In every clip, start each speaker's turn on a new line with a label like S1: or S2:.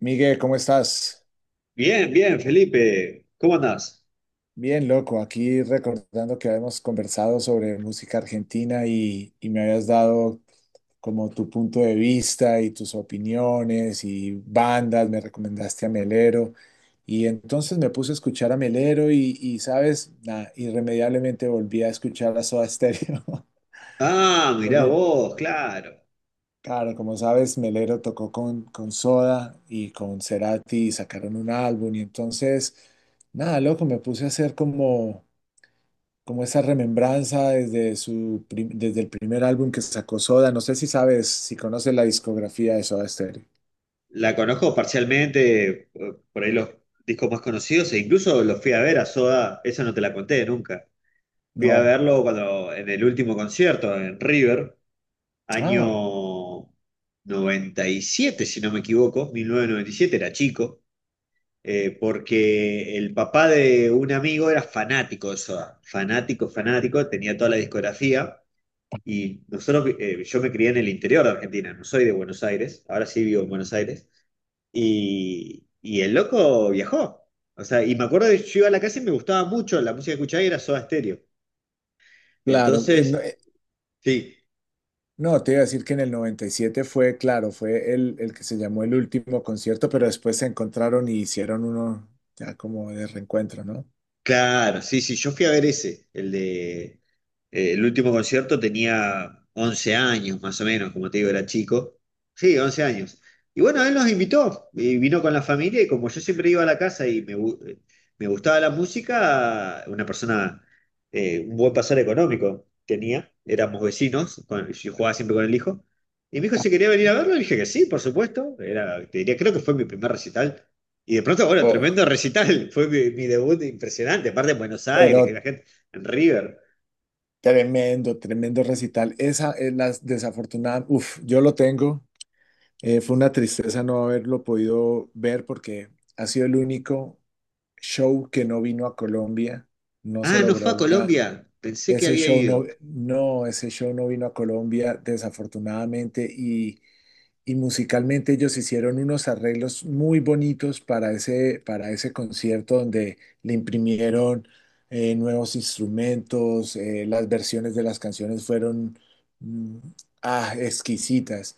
S1: Miguel, ¿cómo estás?
S2: Bien, bien, Felipe, ¿cómo andás?
S1: Bien, loco. Aquí recordando que habíamos conversado sobre música argentina y me habías dado como tu punto de vista y tus opiniones y bandas, me recomendaste a Melero. Y entonces me puse a escuchar a Melero ¿sabes? Nada, irremediablemente volví a escuchar a Soda Stereo.
S2: Ah, mirá
S1: Porque,
S2: vos, claro.
S1: claro, como sabes, Melero tocó con Soda y con Cerati y sacaron un álbum. Y entonces, nada, loco, me puse a hacer como esa remembranza desde desde el primer álbum que sacó Soda. No sé si sabes, si conoces la discografía de Soda Stereo.
S2: La conozco parcialmente, por ahí los discos más conocidos, e incluso los fui a ver a Soda, esa no te la conté nunca. Fui a
S1: No.
S2: verlo cuando, en el último concierto en River, año
S1: Ah,
S2: 97, si no me equivoco, 1997 era chico, porque el papá de un amigo era fanático de Soda, fanático, fanático, tenía toda la discografía. Y nosotros, yo me crié en el interior de Argentina, no soy de Buenos Aires, ahora sí vivo en Buenos Aires. Y el loco viajó. O sea, y me acuerdo que yo iba a la casa y me gustaba mucho, la música que escuchaba era Soda Stereo.
S1: claro. No,
S2: Entonces, sí,
S1: no, te iba a decir que en el 97 fue, claro, fue el que se llamó el último concierto, pero después se encontraron y hicieron uno ya como de reencuentro, ¿no?
S2: claro, sí, sí, yo fui a ver ese, el de. El último concierto tenía 11 años, más o menos, como te digo, era chico. Sí, 11 años. Y bueno, él nos invitó, y vino con la familia, y como yo siempre iba a la casa y me gustaba la música, una persona, un buen pasar económico tenía, éramos vecinos, yo jugaba siempre con el hijo, y mi hijo
S1: Ah,
S2: si quería venir a verlo, y dije que sí, por supuesto, era, te diría, creo que fue mi primer recital. Y de pronto, bueno,
S1: oh,
S2: tremendo recital, fue mi debut impresionante, aparte en Buenos Aires, que
S1: pero
S2: la gente en River.
S1: tremendo, tremendo recital. Esa es la desafortunada. Uf, yo lo tengo. Fue una tristeza no haberlo podido ver porque ha sido el único show que no vino a Colombia. No se
S2: Ah, no fue
S1: logró
S2: a
S1: una.
S2: Colombia. Pensé que
S1: Ese
S2: había
S1: show
S2: ido.
S1: no, ese show no vino a Colombia, desafortunadamente. Y musicalmente ellos hicieron unos arreglos muy bonitos para para ese concierto donde le imprimieron nuevos instrumentos. Eh, las versiones de las canciones fueron mm, exquisitas.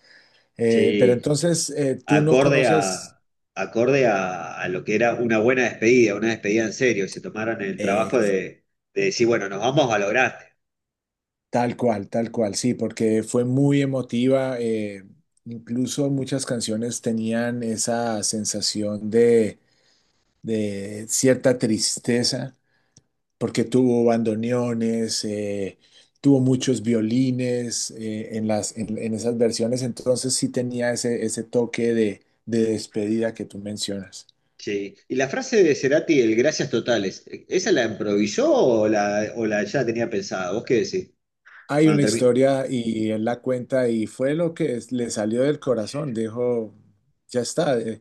S1: Pero
S2: Sí,
S1: entonces tú no
S2: acorde
S1: conoces
S2: a, acorde a lo que era una buena despedida, una despedida en serio. Se tomaron el
S1: eh,
S2: trabajo de decir, bueno, nos vamos a lo grande.
S1: tal cual, sí, porque fue muy emotiva. Eh, incluso muchas canciones tenían esa sensación de cierta tristeza, porque tuvo bandoneones, tuvo muchos violines en en esas versiones. Entonces sí tenía ese, ese toque de despedida que tú mencionas.
S2: Sí. Y la frase de Cerati, el gracias totales, ¿esa la improvisó o o la ya tenía pensada? ¿Vos qué decís?
S1: Hay una
S2: Cuando termi-.
S1: historia y él la cuenta y fue lo que le salió del corazón, dijo, ya está,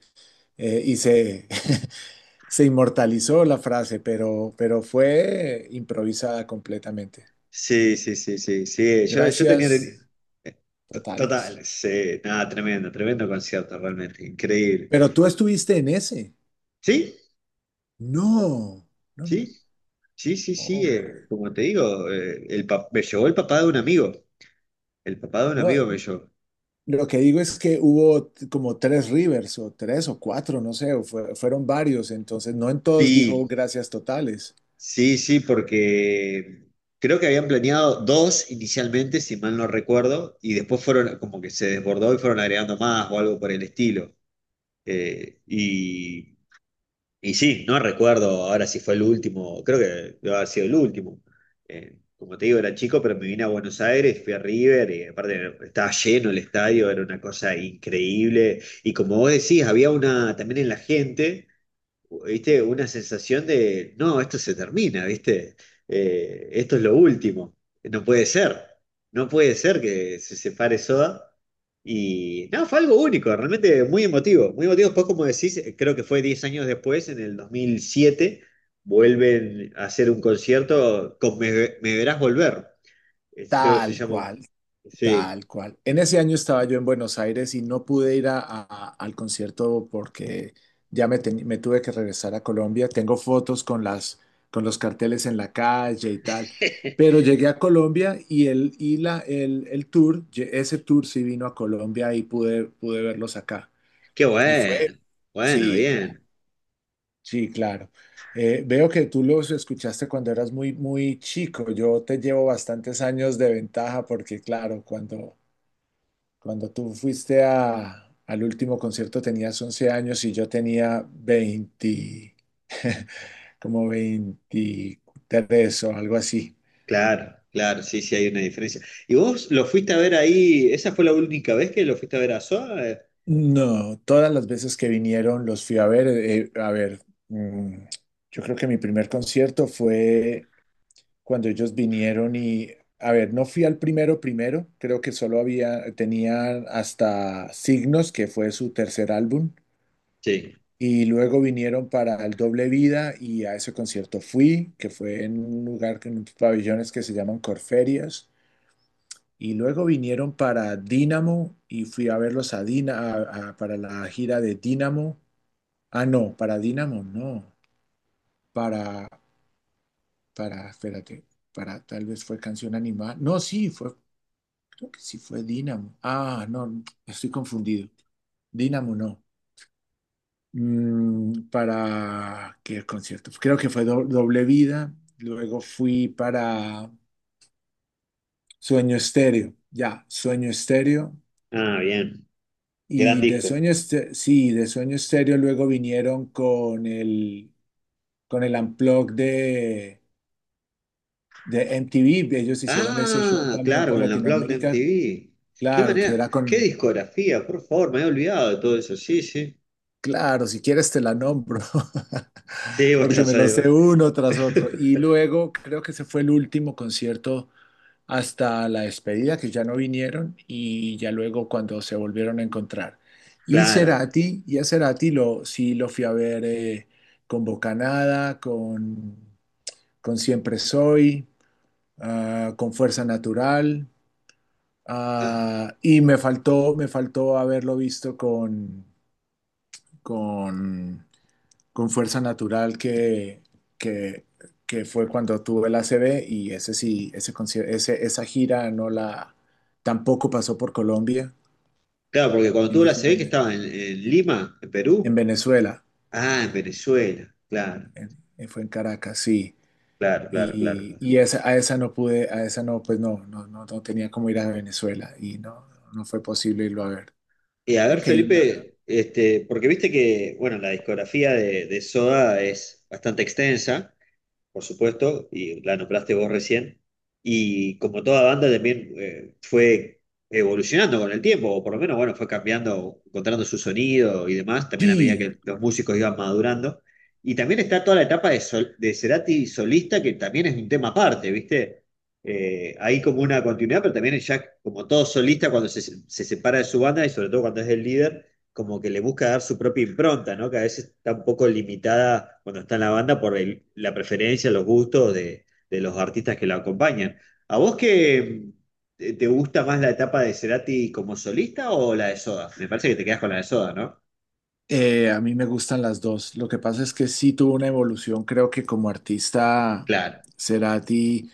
S1: y se, se inmortalizó la frase, pero fue improvisada completamente.
S2: Sí, sí, sí, sí, sí. Yo tenía.
S1: Gracias totales.
S2: Total, sí, nada, tremendo, tremendo concierto, realmente, increíble.
S1: Pero tú estuviste en ese.
S2: ¿Sí?
S1: No, no, no,
S2: ¿Sí? Sí, sí, sí,
S1: oh my.
S2: como te digo, me llevó el papá de un amigo, el papá de un
S1: No,
S2: amigo me llevó.
S1: lo que digo es que hubo como tres Rivers o tres o cuatro, no sé, fueron varios, entonces no en todos dijo
S2: Sí,
S1: gracias totales.
S2: sí, sí, porque creo que habían planeado dos inicialmente, si mal no recuerdo, y después fueron como que se desbordó y fueron agregando más o algo por el estilo. Eh, y Y sí, no recuerdo ahora si fue el último, creo que debe haber sido el último. Como te digo, era chico, pero me vine a Buenos Aires, fui a River, y aparte estaba lleno el estadio, era una cosa increíble. Y como vos decís, había una, también en la gente. ¿Viste? Una sensación de, no, esto se termina, ¿viste? Esto es lo último. No puede ser. No puede ser que se separe Soda. Y no, fue algo único, realmente muy emotivo. Muy emotivo. Después, como decís, creo que fue 10 años después, en el 2007 vuelven a hacer un concierto con Me Verás Volver. Creo que se
S1: Tal
S2: llamó.
S1: cual.
S2: Sí.
S1: Tal cual. En ese año estaba yo en Buenos Aires y no pude ir al concierto porque ya me tuve que regresar a Colombia. Tengo fotos con con los carteles en la calle y tal. Pero llegué a Colombia y el, y la, el tour, ese tour sí vino a Colombia y pude verlos acá.
S2: Qué
S1: Y fue,
S2: bueno. Bueno,
S1: sí, claro,
S2: bien.
S1: sí, claro. Veo que tú los escuchaste cuando eras muy, muy chico. Yo te llevo bastantes años de ventaja porque, claro, cuando... Cuando tú fuiste al último concierto tenías 11 años y yo tenía 20 como 23 o algo así.
S2: Claro, claro, sí, sí hay una diferencia. ¿Y vos lo fuiste a ver ahí? ¿Esa fue la única vez que lo fuiste a ver a SOA?
S1: No, todas las veces que vinieron los fui a ver. Eh, a ver, mm, yo creo que mi primer concierto fue cuando ellos vinieron y, a ver, no fui al primero primero, creo que solo había, tenían hasta Signos, que fue su tercer álbum.
S2: Sí.
S1: Y luego vinieron para el Doble Vida y a ese concierto fui, que fue en un lugar, en unos pabellones que se llaman Corferias. Y luego vinieron para Dínamo y fui a verlos a para la gira de Dínamo. Ah, no, para Dínamo no. Para, para, espérate, para tal vez fue Canción Animal. No, sí, fue, creo que sí fue Dínamo. Ah, no, estoy confundido. Dínamo no. Para qué concierto. Creo que fue Doble Vida. Luego fui para Sueño Estéreo. Ya, Sueño Estéreo.
S2: Ah, bien. Gran
S1: Y de
S2: disco.
S1: Sueño Estéreo, sí, de Sueño Estéreo luego vinieron con el Unplugged de MTV. Ellos hicieron ese show
S2: Ah,
S1: también
S2: claro,
S1: por
S2: con el Unplugged de
S1: Latinoamérica.
S2: MTV. Qué
S1: Claro, que
S2: manera,
S1: era
S2: qué
S1: con,
S2: discografía, por favor, me había olvidado de todo eso. Sí, sí.
S1: claro, si quieres te la nombro,
S2: Sí, vos te
S1: porque
S2: la
S1: me lo
S2: sabés,
S1: sé
S2: bro.
S1: uno tras otro. Y luego creo que ese fue el último concierto hasta la despedida, que ya no vinieron, y ya luego cuando se volvieron a encontrar. Y
S2: Claro.
S1: Cerati, y a Cerati sí lo fui a ver con Bocanada, con Siempre Soy, ah, con Fuerza Natural,
S2: Ah,
S1: ah, y me faltó haberlo visto con, con con Fuerza Natural que, que fue cuando tuve la A C B y ese sí, esa gira no la, tampoco pasó por Colombia
S2: claro, porque cuando
S1: en
S2: tú la
S1: ese
S2: se ve que
S1: momento.
S2: estaba en, Lima, en
S1: En
S2: Perú.
S1: Venezuela,
S2: Ah, en Venezuela. Claro,
S1: fue en Caracas, sí.
S2: claro, claro, claro. Claro.
S1: Y esa, a esa no pude, a esa no, pues no, no, no, no tenía como ir a Venezuela y no, no fue posible irlo a ver.
S2: Y a
S1: Creo
S2: ver,
S1: que hay una.
S2: Felipe, este, porque viste que, bueno, la discografía de Soda es bastante extensa por supuesto, y la nombraste vos recién. Y como toda banda también fue evolucionando con el tiempo, o por lo menos, bueno, fue cambiando, encontrando su sonido y demás, también a medida
S1: Sí,
S2: que los músicos iban madurando. Y también está toda la etapa de, de Cerati solista, que también es un tema aparte, ¿viste? Hay como una continuidad, pero también ya, como todo solista, cuando se separa de su banda y sobre todo cuando es el líder como que le busca dar su propia impronta, ¿no? Que a veces está un poco limitada cuando está en la banda por la preferencia, los gustos de los artistas que la acompañan. ¿A vos qué te gusta más la etapa de Cerati como solista o la de Soda? Me parece que te quedas con la de Soda, ¿no?
S1: eh, a mí me gustan las dos. Lo que pasa es que sí tuvo una evolución. Creo que como artista,
S2: Claro,
S1: Cerati.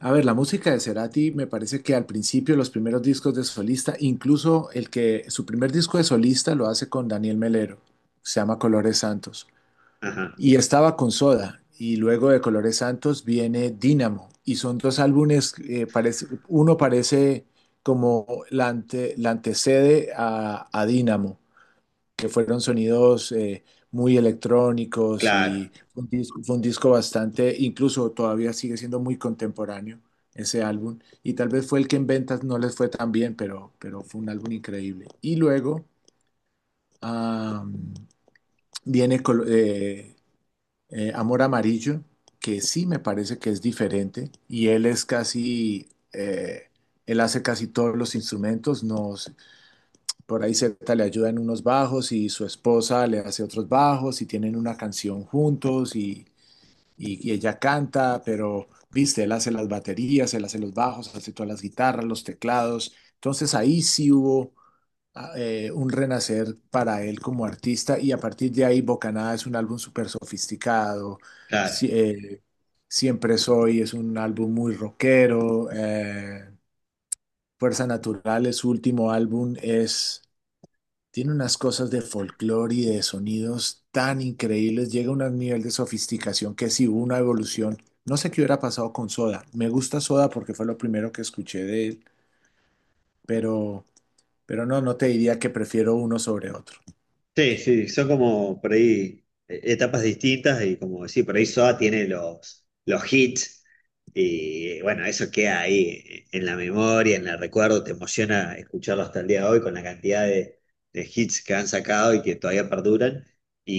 S1: A ver, la música de Cerati me parece que al principio, los primeros discos de solista, incluso el que su primer disco de solista lo hace con Daniel Melero, se llama Colores Santos.
S2: ajá,
S1: Y estaba con Soda. Y luego de Colores Santos viene Dínamo. Y son dos álbumes, parece, uno parece como la antecede a Dínamo que fueron sonidos muy electrónicos
S2: claro,
S1: y fue un disco bastante, incluso todavía sigue siendo muy contemporáneo ese álbum. Y tal vez fue el que en ventas no les fue tan bien, pero fue un álbum increíble. Y luego ah, viene Amor Amarillo, que sí me parece que es diferente y él es casi... él hace casi todos los instrumentos, no, por ahí Z le ayuda en unos bajos y su esposa le hace otros bajos y tienen una canción juntos y, y ella canta, pero, viste, él hace las baterías, él hace los bajos, hace todas las guitarras, los teclados. Entonces ahí sí hubo un renacer para él como artista y a partir de ahí Bocanada es un álbum súper sofisticado.
S2: claro.
S1: Sí, Siempre Soy es un álbum muy rockero. Eh, Fuerza Natural su último álbum es tiene unas cosas de folclore y de sonidos tan increíbles, llega a un nivel de sofisticación que sí hubo una evolución. No sé qué hubiera pasado con Soda. Me gusta Soda porque fue lo primero que escuché de él, pero, pero no, no te diría que prefiero uno sobre otro.
S2: Sí, sí, son como por ahí etapas distintas y como decir, por ahí SOA tiene los hits y bueno, eso queda ahí en la memoria, en el recuerdo, te emociona escucharlo hasta el día de hoy con la cantidad de hits que han sacado y que todavía perduran.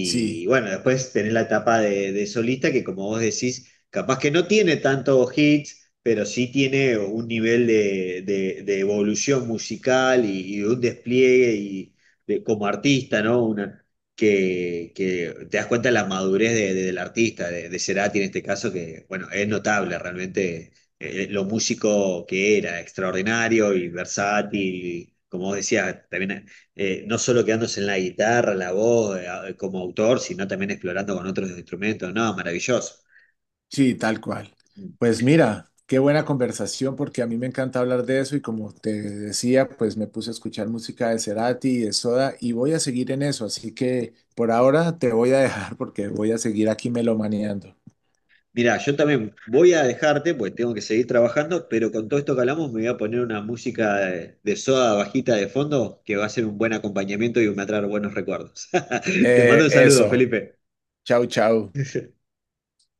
S1: Sí,
S2: bueno, después tenés la etapa de solista que como vos decís, capaz que no tiene tantos hits, pero sí tiene un nivel de evolución musical y un despliegue como artista, ¿no? Una, que te das cuenta de la madurez del artista, de Cerati en este caso, que, bueno, es notable realmente lo músico que era, extraordinario y versátil, como vos decías, también no solo quedándose en la guitarra, la voz, como autor, sino también explorando con otros instrumentos, no, maravilloso.
S1: sí, tal cual. Pues mira, qué buena conversación porque a mí me encanta hablar de eso y como te decía, pues me puse a escuchar música de Cerati y de Soda y voy a seguir en eso, así que por ahora te voy a dejar porque voy a seguir aquí melomaneando.
S2: Mirá, yo también voy a dejarte, pues tengo que seguir trabajando, pero con todo esto que hablamos me voy a poner una música de Soda bajita de fondo que va a ser un buen acompañamiento y me va a traer buenos recuerdos. Te mando un saludo,
S1: Eso,
S2: Felipe.
S1: chau, chau.